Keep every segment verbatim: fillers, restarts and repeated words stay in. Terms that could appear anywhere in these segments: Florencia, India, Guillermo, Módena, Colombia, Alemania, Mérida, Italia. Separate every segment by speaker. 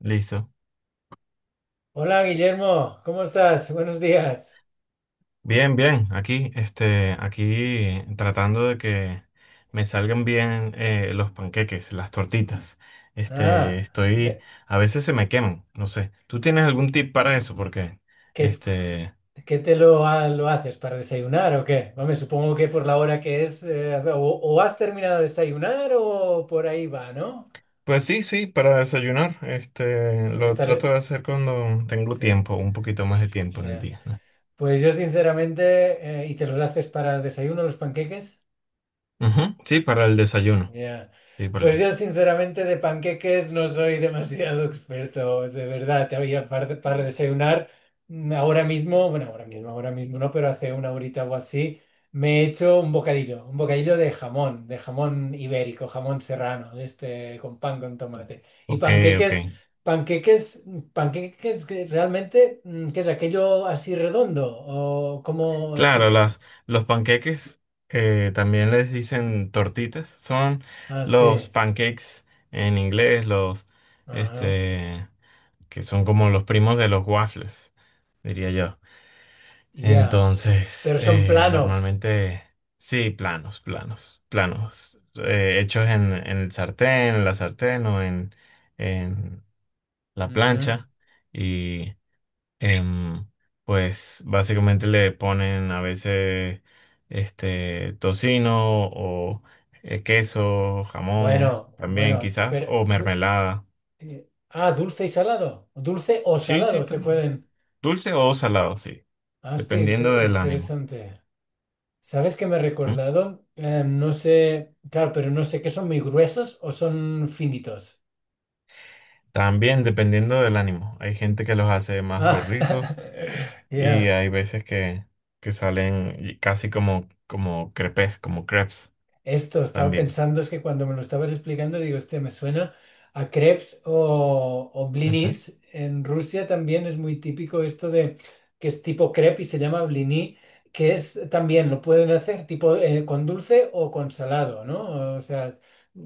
Speaker 1: Listo.
Speaker 2: Hola Guillermo, ¿cómo estás? Buenos días.
Speaker 1: Bien, bien. Aquí, este, aquí tratando de que me salgan bien, eh, los panqueques, las tortitas. Este,
Speaker 2: Ah,
Speaker 1: estoy,
Speaker 2: pe-
Speaker 1: a veces se me queman, no sé. ¿Tú tienes algún tip para eso? Porque,
Speaker 2: ¿qué,
Speaker 1: este,
Speaker 2: qué te lo, ha- lo haces para desayunar o qué? Vamos, supongo que por la hora que es, eh, o, o has terminado de desayunar o por ahí va, ¿no?
Speaker 1: pues sí, sí, para desayunar. Este,
Speaker 2: Porque
Speaker 1: lo
Speaker 2: estás...
Speaker 1: trato de hacer cuando tengo
Speaker 2: sí,
Speaker 1: tiempo, un poquito más de tiempo en el
Speaker 2: ya.
Speaker 1: día, ¿no?
Speaker 2: Pues yo sinceramente, eh, ¿y te los haces para desayuno los panqueques?
Speaker 1: Ujú, sí, para el desayuno.
Speaker 2: Ya.
Speaker 1: Sí, para el
Speaker 2: Pues yo
Speaker 1: desayuno.
Speaker 2: sinceramente de panqueques no soy demasiado experto, de verdad, te había par- para desayunar. mm, Ahora mismo, bueno, ahora mismo, ahora mismo no, pero hace una horita o así, me he hecho un bocadillo, un bocadillo de jamón, de jamón ibérico, jamón serrano, de este con pan con tomate. Y
Speaker 1: Ok, ok.
Speaker 2: panqueques, panqueques, mm, panqueques que realmente, mm, ¿qué es aquello así redondo? ¿O cómo
Speaker 1: Claro,
Speaker 2: explica?
Speaker 1: las, los panqueques, eh, también les dicen tortitas. Son
Speaker 2: Ah, sí.
Speaker 1: los pancakes en inglés, los
Speaker 2: Ajá.
Speaker 1: este que son como los primos de los waffles, diría yo.
Speaker 2: Ya.
Speaker 1: Entonces,
Speaker 2: Pero son
Speaker 1: eh,
Speaker 2: planos.
Speaker 1: normalmente sí, planos, planos, planos, eh, hechos en, en el sartén, en la sartén o en, en la
Speaker 2: Ujú.
Speaker 1: plancha. em, pues básicamente le ponen a veces este tocino o, eh, queso, jamón
Speaker 2: Bueno,
Speaker 1: también
Speaker 2: bueno,
Speaker 1: quizás,
Speaker 2: pero,
Speaker 1: o
Speaker 2: pe-
Speaker 1: mermelada.
Speaker 2: eh, ah, dulce y salado. Dulce o
Speaker 1: Sí,
Speaker 2: salado
Speaker 1: sí,
Speaker 2: se
Speaker 1: claro.
Speaker 2: pueden.
Speaker 1: Dulce o salado, sí,
Speaker 2: Hostia,
Speaker 1: dependiendo
Speaker 2: inte-
Speaker 1: del ánimo.
Speaker 2: interesante. ¿Sabes qué me he
Speaker 1: ¿M?
Speaker 2: recordado? Eh, no sé, claro, pero no sé qué son muy gruesos o son finitos.
Speaker 1: También dependiendo del ánimo. Hay gente que los hace más
Speaker 2: Ah,
Speaker 1: gorditos y
Speaker 2: ya.
Speaker 1: hay veces que, que salen y casi como, como crepes, como crepes
Speaker 2: Esto, estaba
Speaker 1: también.
Speaker 2: pensando, es que cuando me lo estabas explicando, digo, este me suena a crepes o, o
Speaker 1: Ujú.
Speaker 2: blinis. En Rusia también es muy típico esto de que es tipo crepe y se llama blini, que es también lo pueden hacer tipo eh, con dulce o con salado, ¿no? O sea,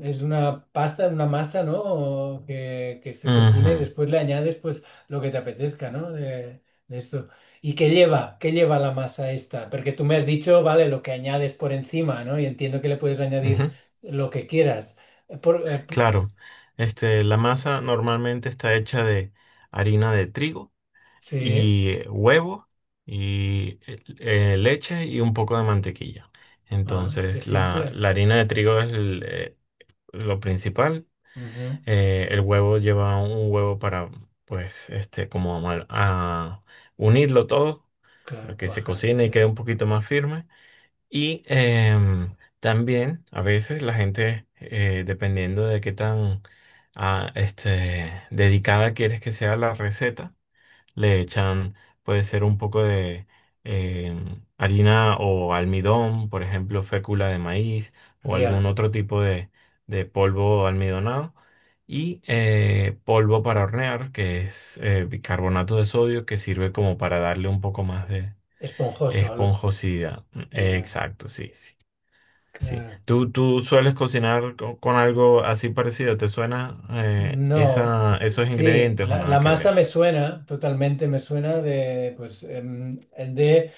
Speaker 2: es una pasta, una masa, ¿no? O que, que se cocina
Speaker 1: Ujú,
Speaker 2: y después le añades pues lo que te apetezca, ¿no? De, de esto. ¿Y qué lleva? ¿Qué lleva la masa esta? Porque tú me has dicho, vale, lo que añades por encima, ¿no? Y entiendo que le puedes añadir
Speaker 1: ujú.
Speaker 2: lo que quieras. Eh, por- eh, p-
Speaker 1: Claro, este, la masa normalmente está hecha de harina de trigo
Speaker 2: sí,
Speaker 1: y, eh, huevo y, eh, eh, leche y un poco de mantequilla.
Speaker 2: ah, qué
Speaker 1: Entonces, la,
Speaker 2: simple.
Speaker 1: la harina de trigo es el, eh, lo principal.
Speaker 2: Ujú,
Speaker 1: Eh, el huevo lleva un huevo para, pues, este, como amal- a unirlo todo para
Speaker 2: claro,
Speaker 1: que se
Speaker 2: cuajar,
Speaker 1: cocine y
Speaker 2: sí.
Speaker 1: quede un poquito más firme. Y, em, también a veces la gente, eh, dependiendo de qué tan ah, este, dedicada quieres que sea la receta, le echan, puede ser un poco de, em, harina o almidón, por ejemplo, fécula de maíz o
Speaker 2: Ya,
Speaker 1: algún otro tipo de, de polvo almidonado. Y, eh, polvo para hornear, que es, eh, bicarbonato de sodio, que sirve como para darle un poco más de
Speaker 2: esponjoso. lo-
Speaker 1: esponjosidad.
Speaker 2: Ya,
Speaker 1: Exacto, sí, sí. Sí.
Speaker 2: claro.
Speaker 1: ¿Tú, tú sueles cocinar co- con, algo así parecido? ¿Te suena, eh,
Speaker 2: No,
Speaker 1: esa, esos
Speaker 2: sí,
Speaker 1: ingredientes, o
Speaker 2: la, la
Speaker 1: nada que
Speaker 2: masa
Speaker 1: ver?
Speaker 2: me suena, totalmente me suena de, pues, em, de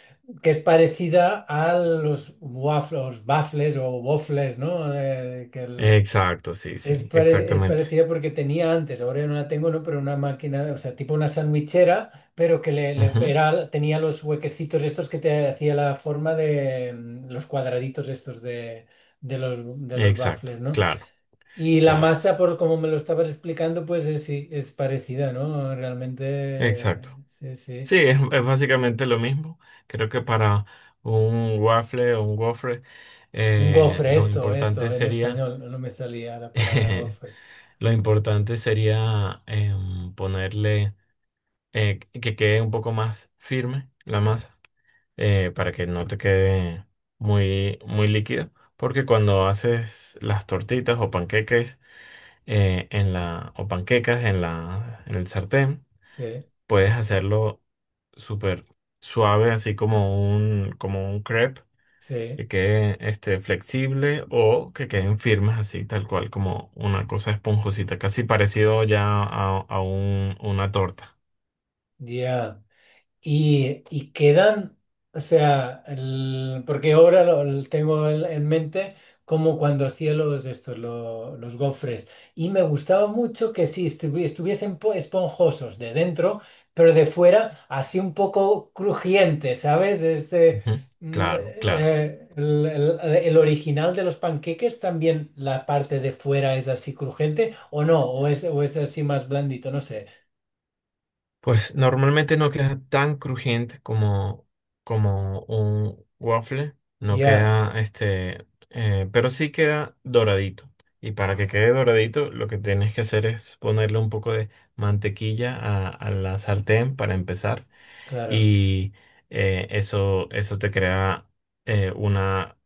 Speaker 2: que es parecida a los waffles, baffles o waffles, ¿no? Eh, que el-
Speaker 1: Exacto, sí,
Speaker 2: Es,
Speaker 1: sí,
Speaker 2: pare- es
Speaker 1: exactamente.
Speaker 2: parecida porque tenía antes, ahora no la tengo, ¿no? Pero una máquina, o sea, tipo una sandwichera, pero que le, le-
Speaker 1: Ujú,
Speaker 2: era, tenía los huequecitos estos que te hacía la forma de mm, los cuadraditos estos de, de los, de los
Speaker 1: exacto,
Speaker 2: baffles, ¿no?
Speaker 1: claro,
Speaker 2: Y la
Speaker 1: claro,
Speaker 2: masa, por como me lo estabas explicando, pues es, sí, es parecida, ¿no? Realmente,
Speaker 1: exacto.
Speaker 2: sí, sí.
Speaker 1: Sí, es, es básicamente lo mismo. Creo que para un waffle o un gofre,
Speaker 2: Un
Speaker 1: eh,
Speaker 2: gofre,
Speaker 1: lo
Speaker 2: esto, esto,
Speaker 1: importante
Speaker 2: en
Speaker 1: sería,
Speaker 2: español, no me salía la palabra gofre.
Speaker 1: lo importante sería, em, ponerle, eh, que quede un poco más firme la masa. Eh, para que no te quede muy, muy líquido. Porque cuando haces las tortitas o panqueques, eh, en la, o panquecas en la, en el sartén,
Speaker 2: Sí,
Speaker 1: puedes hacerlo súper suave, así como un, como un crepe, que
Speaker 2: sí,
Speaker 1: quede, este, flexible, o que queden firmes así, tal cual, como una cosa esponjosita, casi parecido ya a, a un- una torta.
Speaker 2: ya. Y, y quedan, o sea, el- porque ahora lo, lo tengo en, en mente como cuando hacía los, estos, lo- los gofres. Y me gustaba mucho que sí, estuvi- estuviesen po- esponjosos de dentro, pero de fuera así un poco crujiente, ¿sabes? Este,
Speaker 1: Ujú.
Speaker 2: mm,
Speaker 1: Claro, claro.
Speaker 2: eh, el, el- el original de los panqueques también la parte de fuera es así crujiente, o no, o es, o es así más blandito, no sé.
Speaker 1: Pues normalmente no queda tan crujiente como, como un waffle, no
Speaker 2: Ya,
Speaker 1: queda, este, eh, pero sí queda doradito. Y para que quede doradito, lo que tienes que hacer es ponerle un poco de mantequilla a, a la sartén para empezar.
Speaker 2: claro.
Speaker 1: Y, eh, eso, eso te crea, eh, una,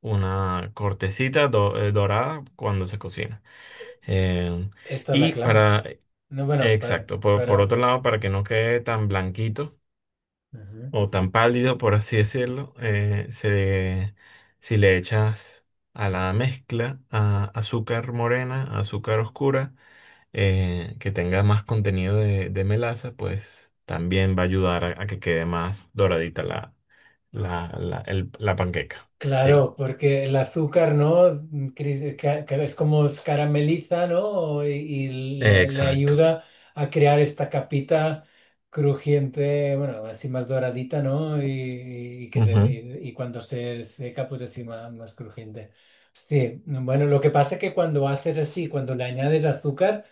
Speaker 1: una cortecita do- eh, dorada cuando se cocina. Eh,
Speaker 2: Esta es la
Speaker 1: y para
Speaker 2: clave. No, bueno, para,
Speaker 1: Exacto. Por, por
Speaker 2: para,
Speaker 1: otro
Speaker 2: para-
Speaker 1: lado, para que no quede tan blanquito
Speaker 2: ujú.
Speaker 1: o tan pálido, por así decirlo, eh, se- si le echas a la mezcla, a- azúcar morena, azúcar oscura, eh, que tenga más contenido de, de melaza, pues también va a ayudar a, a que quede más doradita la, la, la, el- la panqueca. Sí,
Speaker 2: Claro, porque el azúcar, ¿no? Cris- ca- ca- Es como se carameliza, ¿no? Y, y le, le
Speaker 1: exacto.
Speaker 2: ayuda a crear esta capita crujiente, bueno, así más doradita, ¿no? Y, y que te-
Speaker 1: Ujú,
Speaker 2: y- y cuando se seca, pues así más, más crujiente. Sí, bueno, lo que pasa es que cuando haces así, cuando le añades azúcar,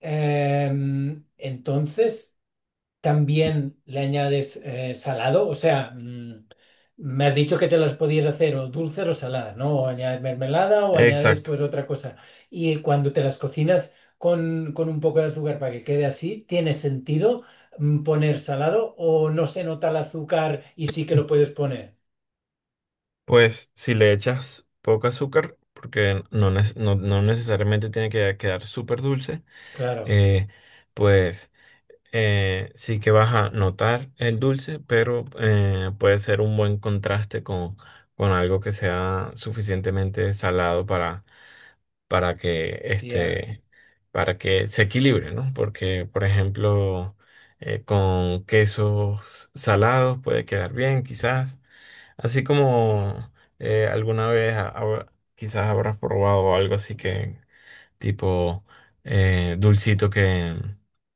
Speaker 2: em, entonces también le añades eh, salado, o sea, mm, me has dicho que te las podías hacer o dulces o saladas, ¿no? O añades mermelada o añades
Speaker 1: exacto.
Speaker 2: pues otra cosa. Y cuando te las cocinas con, con un poco de azúcar para que quede así, ¿tiene sentido mm, poner salado o no se nota el azúcar y sí que lo puedes poner?
Speaker 1: Pues si le echas poco azúcar, porque no, nes- no- no necesariamente tiene que quedar súper dulce,
Speaker 2: Claro,
Speaker 1: eh, pues, eh, sí que vas a notar el dulce, pero, eh, puede ser un buen contraste con, con algo que sea suficientemente salado para, para que,
Speaker 2: ya,
Speaker 1: este, para que se equilibre, ¿no? Porque, por ejemplo, eh, con quesos salados puede quedar bien, quizás. Así como, eh, alguna vez ha- habrá- quizás habrás probado algo así que tipo, eh, dulcito que,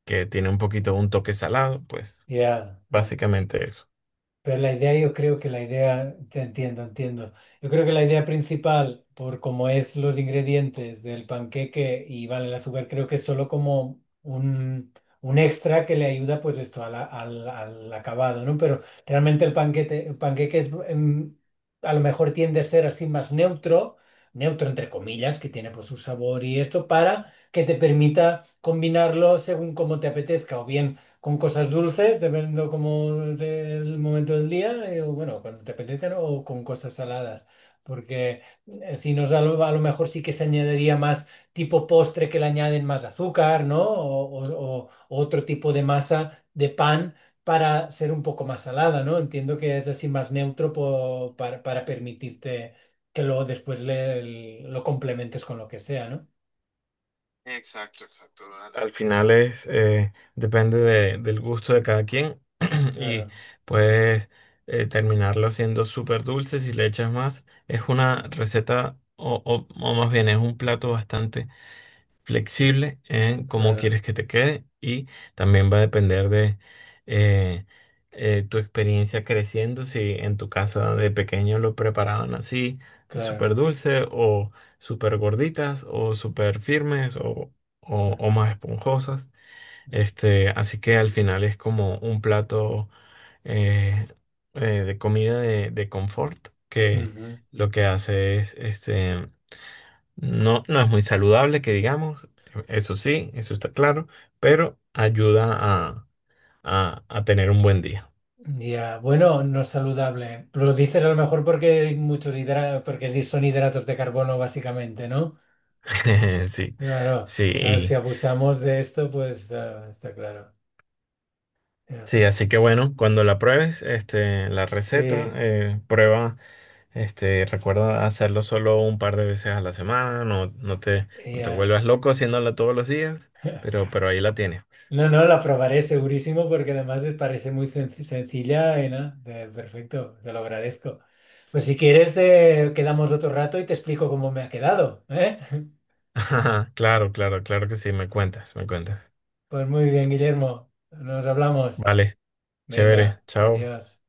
Speaker 1: que tiene un poquito un toque salado, pues
Speaker 2: ya.
Speaker 1: básicamente eso.
Speaker 2: Pero la idea, yo creo que la idea, te entiendo, entiendo. Yo creo que la idea principal, por cómo es los ingredientes del panqueque y vale el azúcar, creo que es solo como un, un extra que le ayuda pues esto a la- al, al acabado, ¿no? Pero realmente el panquete, el panqueque es, em, a lo mejor tiende a ser así más neutro, neutro entre comillas, que tiene pues su sabor y esto, para que te permita combinarlo según como te apetezca, o bien con cosas dulces, dependiendo como del momento del día, eh, o bueno, cuando te apetezcan, o con cosas saladas. Porque eh, si nos a lo, a lo mejor sí que se añadiría más tipo postre que le añaden más azúcar, ¿no? O, o- o- o otro tipo de masa de pan para ser un poco más salada, ¿no? Entiendo que es así más neutro po- para, para permitirte que luego después le- lo complementes con lo que sea, ¿no?
Speaker 1: Exacto, exacto, dale. Al final es, eh, depende de- del gusto de cada quien, y
Speaker 2: Claro,
Speaker 1: puedes, eh, terminarlo siendo súper dulce si le echas más. Es una receta, o, o- o más bien es un plato bastante flexible en cómo
Speaker 2: claro,
Speaker 1: quieres que te quede, y también va a depender de, eh, eh, tu experiencia creciendo, si en tu casa de pequeño lo preparaban así, súper
Speaker 2: claro.
Speaker 1: dulce o súper gorditas o súper firmes o, o, o
Speaker 2: Ujú.
Speaker 1: más esponjosas. Este, así que al final es como un plato, eh, eh, de comida de, de confort, que
Speaker 2: Ujú.
Speaker 1: lo que hace es, este, no, no es muy saludable que digamos, eso sí, eso está claro, pero ayuda a, a- a tener un buen día.
Speaker 2: Ya, bueno, no es saludable. Pero lo dices a lo mejor porque hay muchos hidratos, porque sí son hidratos de carbono básicamente, ¿no?
Speaker 1: Sí,
Speaker 2: Claro,
Speaker 1: sí,
Speaker 2: claro, si
Speaker 1: y-
Speaker 2: abusamos de esto, pues ah, está claro. Ya.
Speaker 1: sí, así que bueno, cuando la pruebes, este, la receta,
Speaker 2: Sí,
Speaker 1: eh, prueba, este, recuerda hacerlo solo un par de veces a la semana, no, no te, no te
Speaker 2: ya.
Speaker 1: vuelvas loco haciéndola todos los días, pero, pero ahí la tienes, pues.
Speaker 2: No, no, la probaré segurísimo porque además me parece muy senc- sencilla y nada, de- perfecto, te lo agradezco. Pues si quieres, eh, quedamos otro rato y te explico cómo me ha quedado, ¿eh?
Speaker 1: Claro, claro, claro que sí, me cuentas, me cuentas.
Speaker 2: Pues muy bien, Guillermo, nos hablamos.
Speaker 1: Vale,
Speaker 2: Venga,
Speaker 1: chévere, chao.
Speaker 2: adiós.